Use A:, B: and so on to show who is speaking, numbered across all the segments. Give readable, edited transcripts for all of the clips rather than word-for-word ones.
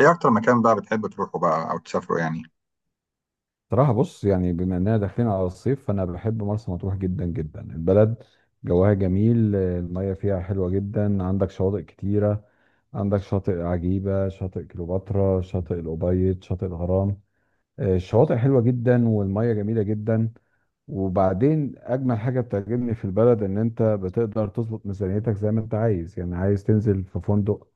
A: ايه اكتر مكان بقى بتحب تروحه بقى او تسافره يعني؟
B: صراحة بص، يعني بما اننا داخلين على الصيف فانا بحب مرسى مطروح جدا جدا. البلد جواها جميل، المية فيها حلوة جدا، عندك شواطئ كتيرة. عندك شاطئ عجيبة، شاطئ كليوباترا، شاطئ الأبيض، شاطئ الغرام. الشواطئ حلوه جدا والميه جميله جدا. وبعدين اجمل حاجه بتعجبني في البلد ان انت بتقدر تظبط ميزانيتك زي ما انت عايز. يعني عايز تنزل في فندق،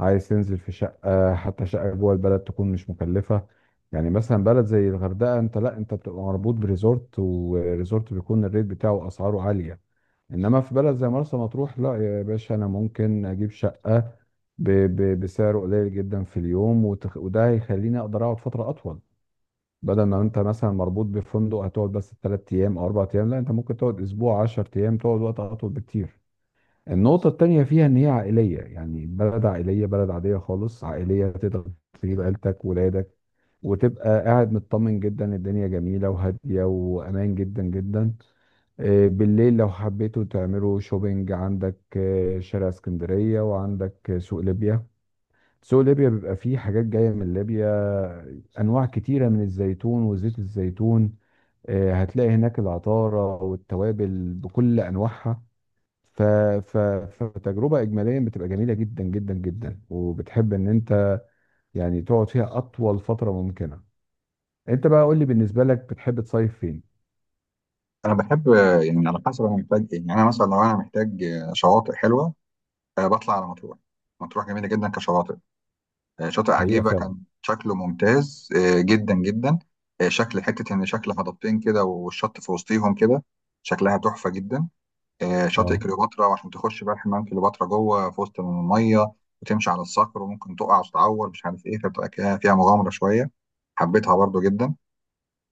B: عايز تنزل في شقه، حتى شقه جوه البلد تكون مش مكلفه. يعني مثلا بلد زي الغردقه انت، لا انت بتبقى مربوط بريزورت، وريزورت بيكون الريت بتاعه اسعاره عاليه. انما في بلد زي مرسى مطروح، لا يا باشا، انا ممكن اجيب شقه ب- بسعر قليل جدا في اليوم، وده هيخليني اقدر اقعد فتره اطول. بدل ما انت مثلا مربوط بفندق هتقعد بس ثلاث ايام او اربع ايام، لا انت ممكن تقعد اسبوع، 10 ايام، تقعد وقت اطول بكتير. النقطة التانية فيها ان هي عائلية، يعني بلد عائلية، بلد عادية خالص عائلية، تقدر تجيب عيلتك ولادك وتبقى قاعد مطمن جدا. الدنيا جميلة وهادية وامان جدا جدا. بالليل لو حبيتوا تعملوا شوبينج عندك شارع اسكندرية، وعندك سوق ليبيا. سوق ليبيا بيبقى فيه حاجات جاية من ليبيا، أنواع كتيرة من الزيتون وزيت الزيتون. هتلاقي هناك العطارة والتوابل بكل أنواعها. ف... ف... فتجربة إجماليا بتبقى جميلة جدا جدا جدا، وبتحب إن أنت يعني تقعد فيها أطول فترة ممكنة. أنت بقى قول لي، بالنسبة لك بتحب تصيف فين؟
A: انا بحب، يعني على حسب انا محتاج ايه يعني. انا مثلا لو انا محتاج شواطئ حلوه. بطلع على مطروح. مطروح جميله جدا كشواطئ. شاطئ
B: حقيقة
A: عجيبه
B: فعلا.
A: كان شكله ممتاز جدا جدا. شكل حته ان شكل هضبتين كده، والشط في وسطيهم كده. شكلها تحفه جدا. شاطئ
B: اه.
A: كليوباترا، وعشان تخش بقى حمام كليوباترا جوه في وسط الميه وتمشي على الصخر وممكن تقع وتتعور مش عارف ايه، فبتبقى كده فيها مغامره شويه. حبيتها برضو جدا.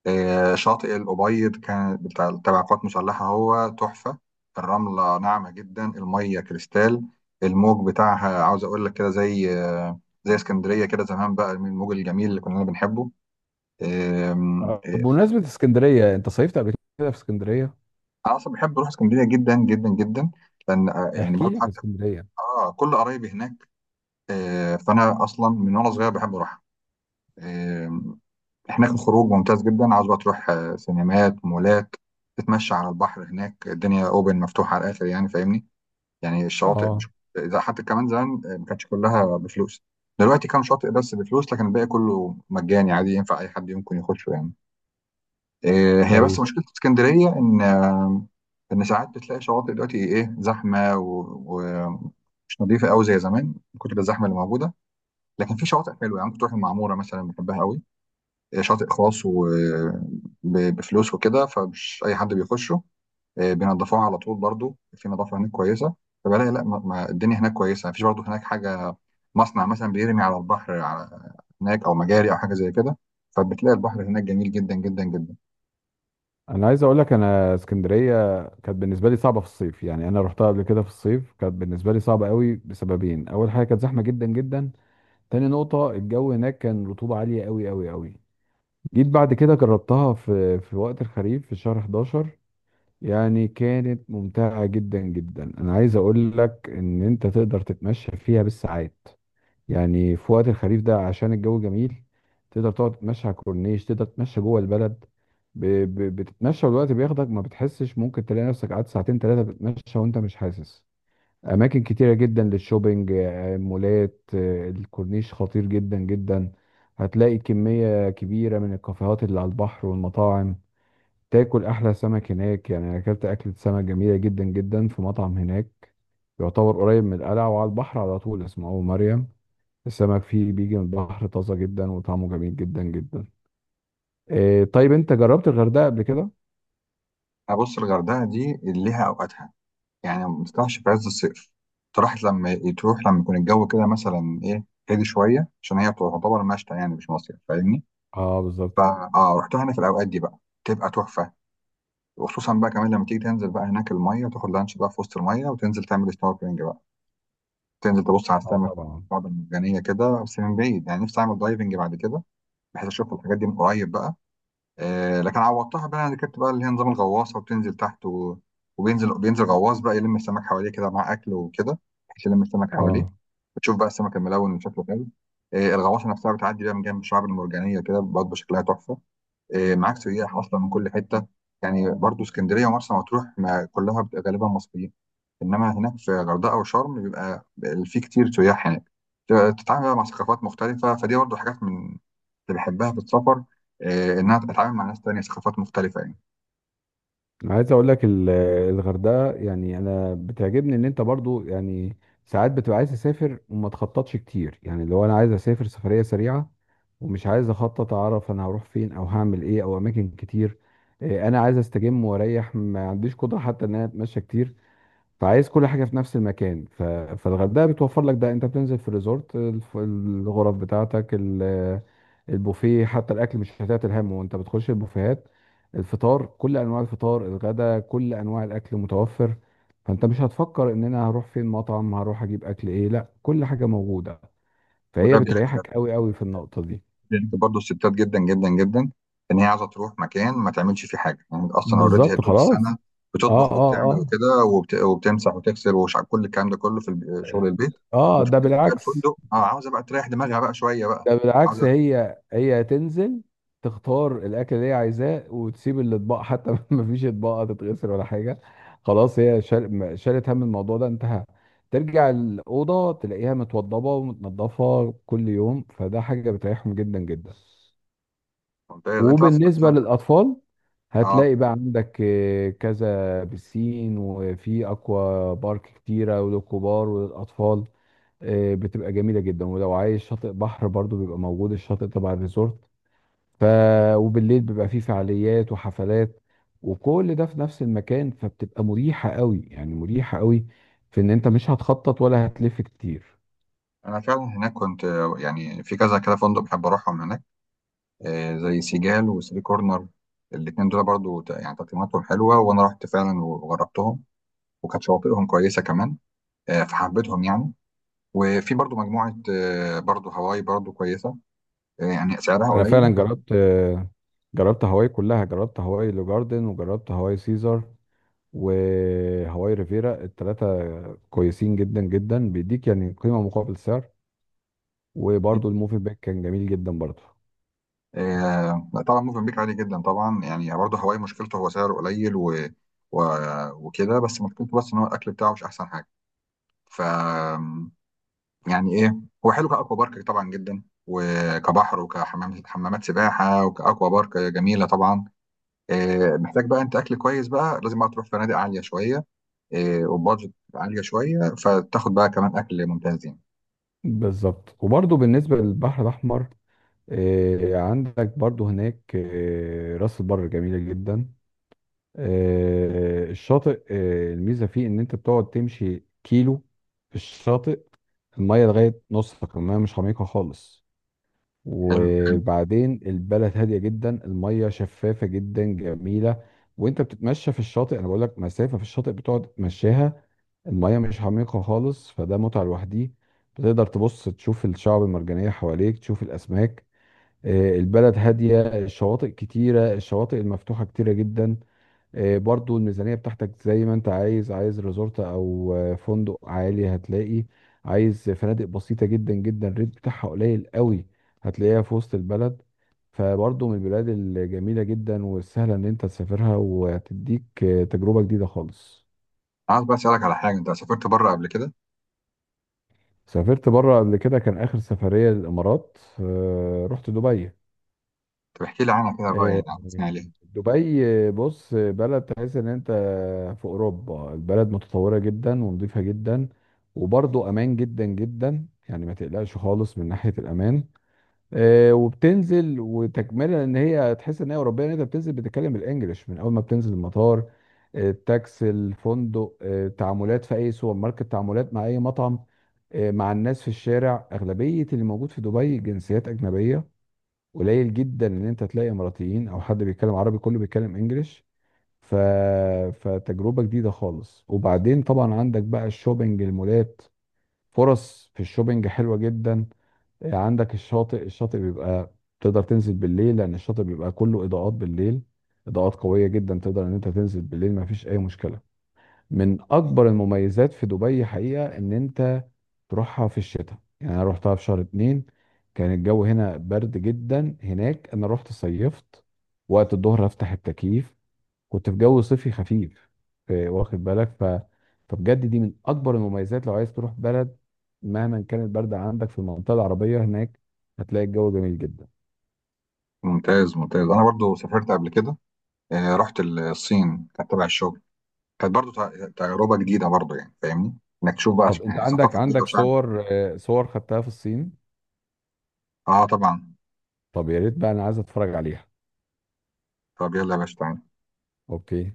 A: شاطئ الأبيض كان بتاع تبع القوات المسلحة، هو تحفة. الرملة ناعمة جدا، المية كريستال. الموج بتاعها عاوز أقول لك كده زي زي اسكندرية كده زمان بقى، من الموج الجميل اللي كنا بنحبه. آم، آه،
B: بمناسبة اسكندرية، أنت صيفت قبل كده في اسكندرية؟
A: أنا أصلا بحب أروح اسكندرية جدا جدا جدا. لأن يعني
B: احكي
A: برضه
B: لي عن
A: حتى
B: اسكندرية.
A: كل قرايبي هناك. فأنا أصلا من وأنا صغير بحب أروحها. هناك الخروج ممتاز جدا، عاوز بقى تروح سينمات، مولات، تتمشى على البحر. هناك الدنيا اوبن، مفتوحه على الاخر يعني، فاهمني؟ يعني الشواطئ
B: اه.
A: مش، إذا حتى كمان زمان ما كانتش كلها بفلوس. دلوقتي كام شاطئ بس بفلوس، لكن الباقي كله مجاني، عادي ينفع اي حد يمكن يخشه يعني. هي بس
B: كويس.
A: مشكله اسكندريه ان ان ساعات بتلاقي شواطئ دلوقتي ايه، زحمه ومش نظيفه قوي زي زمان، من كتر الزحمه اللي موجوده. لكن في شواطئ حلوه يعني، ممكن تروح المعموره مثلا، بحبها قوي. شاطئ خاص وبفلوس وكده، فمش اي حد بيخشه. بينضفوها على طول برضو، في نظافه هناك كويسه. فبلاقي لا، ما الدنيا هناك كويسه، مفيش برضو هناك حاجه مصنع مثلا بيرمي على البحر على هناك، او مجاري او حاجه زي كده. فبتلاقي البحر هناك جميل جدا جدا جدا.
B: انا عايز اقول لك، انا اسكندريه كانت بالنسبه لي صعبه في الصيف. يعني انا رحتها قبل كده في الصيف، كانت بالنسبه لي صعبه قوي بسببين. اول حاجه، كانت زحمه جدا جدا. تاني نقطه، الجو هناك كان رطوبه عاليه قوي قوي قوي. جيت بعد كده جربتها في وقت الخريف، في شهر 11، يعني كانت ممتعه جدا جدا. انا عايز اقول لك ان انت تقدر تتمشى فيها بالساعات. يعني في وقت الخريف ده عشان الجو جميل، تقدر تقعد تتمشى على الكورنيش، تقدر تتمشى جوه البلد. ب... ب... بتتمشى والوقت بياخدك ما بتحسش، ممكن تلاقي نفسك قعدت ساعتين ثلاثة بتتمشى وانت مش حاسس. أماكن كتيرة جدا للشوبينج، مولات، الكورنيش خطير جدا جدا. هتلاقي كمية كبيرة من الكافيهات اللي على البحر والمطاعم. تاكل أحلى سمك هناك. يعني أنا أكلت أكلة سمك جميلة جدا جدا في مطعم هناك، يعتبر قريب من القلعة وعلى البحر على طول، اسمه أبو مريم. السمك فيه بيجي من البحر طازة جدا وطعمه جميل جدا جدا. إيه طيب، انت جربت الغردقة قبل كده؟
A: ابص، الغردقه دي اللي ليها اوقاتها. يعني ما تطلعش في عز الصيف. تروح لما يكون الجو كده مثلا ايه، هادي شويه، عشان هي تعتبر مشتى يعني، مش مصيف، فاهمني؟
B: اه بالظبط.
A: فا رحتها هنا في الاوقات دي بقى تبقى تحفه. وخصوصا بقى كمان لما تيجي تنزل بقى هناك الميه وتاخد لانش بقى في وسط الميه، وتنزل تعمل سنوركلينج بقى، تنزل تبص على
B: اه
A: السمك
B: طبعا.
A: والشعاب المرجانيه كده، بس من بعيد يعني. نفسي اعمل دايفنج بعد كده، بحيث اشوف الحاجات دي من قريب بقى. آه لكن عوضتها بقى، انا ركبت بقى اللي هي نظام الغواصه وبتنزل تحت، وبينزل غواص بقى يلم السمك حواليه كده مع اكل وكده، بحيث يلم السمك حواليه،
B: اه.
A: وتشوف بقى السمك الملون اللي شكله حلو. آه، الغواصه نفسها بتعدي بقى من جنب الشعاب المرجانيه كده برضه، شكلها تحفه. معاك سياح اصلا من كل حته، يعني برضو اسكندريه ومرسى مطروح ما كلها بتبقى غالبا مصريين، انما هناك في غردقه وشرم بيبقى في كتير سياح هناك. تتعامل بقى مع ثقافات مختلفه، فدي برضو حاجات من اللي بحبها في السفر. انها اتعامل مع ناس تانية، ثقافات مختلفه يعني.
B: انا عايز اقول لك الغردقة، يعني انا بتعجبني ان انت برضو يعني ساعات بتبقى عايز تسافر وما تخططش كتير. يعني لو انا عايز اسافر سفرية سريعة ومش عايز اخطط، اعرف انا هروح فين او هعمل ايه او اماكن كتير، إيه، انا عايز استجم واريح، ما عنديش قدرة حتى ان انا اتمشى كتير. فعايز كل حاجه في نفس المكان. فالغردقه بتوفر لك ده. انت بتنزل في الريزورت، الغرف بتاعتك، البوفيه، حتى الاكل مش هتعتل همه وانت بتخش البوفيهات. الفطار كل انواع الفطار، الغدا كل انواع الاكل متوفر. فانت مش هتفكر ان انا هروح فين مطعم، هروح اجيب اكل ايه، لا كل حاجه موجوده. فهي
A: وده
B: بتريحك
A: بيعجبني.
B: قوي قوي في النقطه دي.
A: بيرك برضه الستات جدا جدا جدا، ان هي عايزه تروح مكان ما تعملش فيه حاجه يعني. اصلا اوريدي هي
B: بالظبط
A: طول
B: خلاص.
A: السنه
B: اه
A: بتطبخ
B: اه
A: وبتعمل
B: اه.
A: وكده، وبتمسح وتغسل وش، كل الكلام ده كله في شغل البيت.
B: اه
A: بتروح
B: ده
A: هناك بقى
B: بالعكس.
A: الفندق، اه عاوزه بقى تريح دماغها بقى شويه بقى.
B: ده بالعكس،
A: عاوزه.
B: هي تنزل تختار الاكل اللي هي عايزاه وتسيب الاطباق، حتى مفيش اطباق هتتغسل ولا حاجه. خلاص، هي شالت هم الموضوع ده، انتهى. ترجع الاوضه تلاقيها متوضبه ومتنضفه كل يوم، فده حاجه بتريحهم جدا جدا.
A: ممتاز، انت بس.
B: وبالنسبة للأطفال،
A: اه،
B: هتلاقي بقى عندك كذا بسين، وفي أكوا بارك كتيرة، وللكبار وللأطفال. بتبقى جميلة جدا. ولو عايز شاطئ بحر برضو بيبقى موجود، الشاطئ تبع الريزورت. ف وبالليل بيبقى فيه فعاليات وحفلات، وكل ده في نفس المكان. فبتبقى مريحة قوي، يعني مريحة قوي، في إن أنت مش هتخطط ولا هتلف كتير.
A: انا فعلا هناك كنت يعني في كذا كده فندق بحب اروحهم هناك. آه زي سيجال وثري كورنر، الاثنين دول برضو، يعني تقييماتهم حلوه، وانا رحت فعلا وجربتهم، وكانت شواطئهم كويسه كمان. فحبيتهم يعني. وفي برضو مجموعة، برضو هواي برضو كويسة. يعني سعرها
B: أنا
A: قليل
B: فعلا
A: بس.
B: جربت، جربت هواي كلها. جربت هواي لو جاردن، وجربت هواي سيزر، وهواي ريفيرا، الثلاثة كويسين جدا جدا، بيديك يعني قيمة مقابل سعر. وبرضه الموفي باك كان جميل جدا برضه.
A: لا طبعا، موفنبيك عالي جدا طبعا يعني. برضو هواي مشكلته هو سعره قليل و... وكده، بس مشكلته بس ان هو الاكل بتاعه مش احسن حاجة. ف، يعني ايه، هو حلو كأكوا بارك طبعا جدا، وكبحر، وكحمامات سباحة، وكأكوا بارك جميلة طبعا. محتاج بقى انت اكل كويس بقى، لازم بقى تروح فنادق عالية شوية، وبادجت عالية شوية، فتاخد بقى كمان اكل ممتاز يعني.
B: بالظبط. وبرضه بالنسبة للبحر الأحمر، عندك برضه هناك راس البر جميلة جدا. الشاطئ، الميزة فيه إن أنت بتقعد تمشي كيلو في الشاطئ، المية لغاية نصك، المية مش عميقة خالص.
A: حلو،
B: وبعدين البلد هاديه جدا، الميه شفافه جدا جميله. وانت بتتمشى في الشاطئ، انا بقول لك مسافه في الشاطئ بتقعد تمشيها، الميه مش عميقه خالص، فده متعه لوحديه. بتقدر تبص تشوف الشعب المرجانيه حواليك، تشوف الاسماك. البلد هاديه، الشواطئ كتيره، الشواطئ المفتوحه كتيره جدا. برضو الميزانية بتاعتك زي ما انت عايز. عايز ريزورت او فندق عالي هتلاقي، عايز فنادق بسيطة جدا جدا الريت بتاعها قليل قوي هتلاقيها في وسط البلد. فبرضو من البلاد الجميلة جدا والسهلة ان انت تسافرها، وتديك تجربة جديدة خالص.
A: عايز بقى اسالك على حاجه، انت سافرت بره قبل كده؟
B: سافرت بره قبل كده، كان اخر سفرية للامارات، رحت دبي.
A: طب احكي لي عنها كده بقى، يعني
B: آه،
A: عرفني عليها.
B: دبي، بص، بلد تحس ان انت في اوروبا. البلد متطوره جدا ونظيفه جدا، وبرضه امان جدا جدا، يعني ما تقلقش خالص من ناحيه الامان. وبتنزل وتكمله ان هي تحس ان هي اوروبيه، ان انت بتنزل بتتكلم الانجليش من اول ما بتنزل المطار. التاكسي، الفندق، تعاملات في اي سوبر ماركت، تعاملات مع اي مطعم، مع الناس في الشارع. اغلبيه اللي موجود في دبي جنسيات اجنبيه، قليل جدا ان انت تلاقي اماراتيين او حد بيتكلم عربي، كله بيتكلم انجليش. ف... فتجربة جديدة خالص. وبعدين طبعا عندك بقى الشوبينج، المولات، فرص في الشوبينج حلوة جدا. عندك الشاطئ، الشاطئ بيبقى تقدر تنزل بالليل، لان الشاطئ بيبقى كله اضاءات بالليل، اضاءات قوية جدا، تقدر ان انت تنزل بالليل ما فيش اي مشكلة. من اكبر المميزات في دبي حقيقه ان انت تروحها في الشتاء. يعني انا روحتها في شهر 2، كان الجو هنا برد جدا، هناك انا رحت صيفت. وقت الظهر افتح التكييف، كنت في جو صيفي خفيف. واخد بالك؟ فبجد دي من اكبر المميزات، لو عايز تروح بلد مهما كان البرد عندك في المنطقه العربيه، هناك هتلاقي الجو جميل جدا.
A: ممتاز، ممتاز. انا برضو سافرت قبل كده، رحت الصين، كانت تبع الشغل. كانت برضو تجربه جديده برضو يعني، فاهمني؟ انك تشوف بقى
B: طب انت
A: يعني
B: عندك،
A: ثقافه جديده
B: عندك
A: وشعب.
B: صور، صور خدتها في الصين؟
A: اه طبعا.
B: طب يا ريت بقى، انا عايز اتفرج عليها.
A: طب يلا يا باشا تعالى.
B: اوكي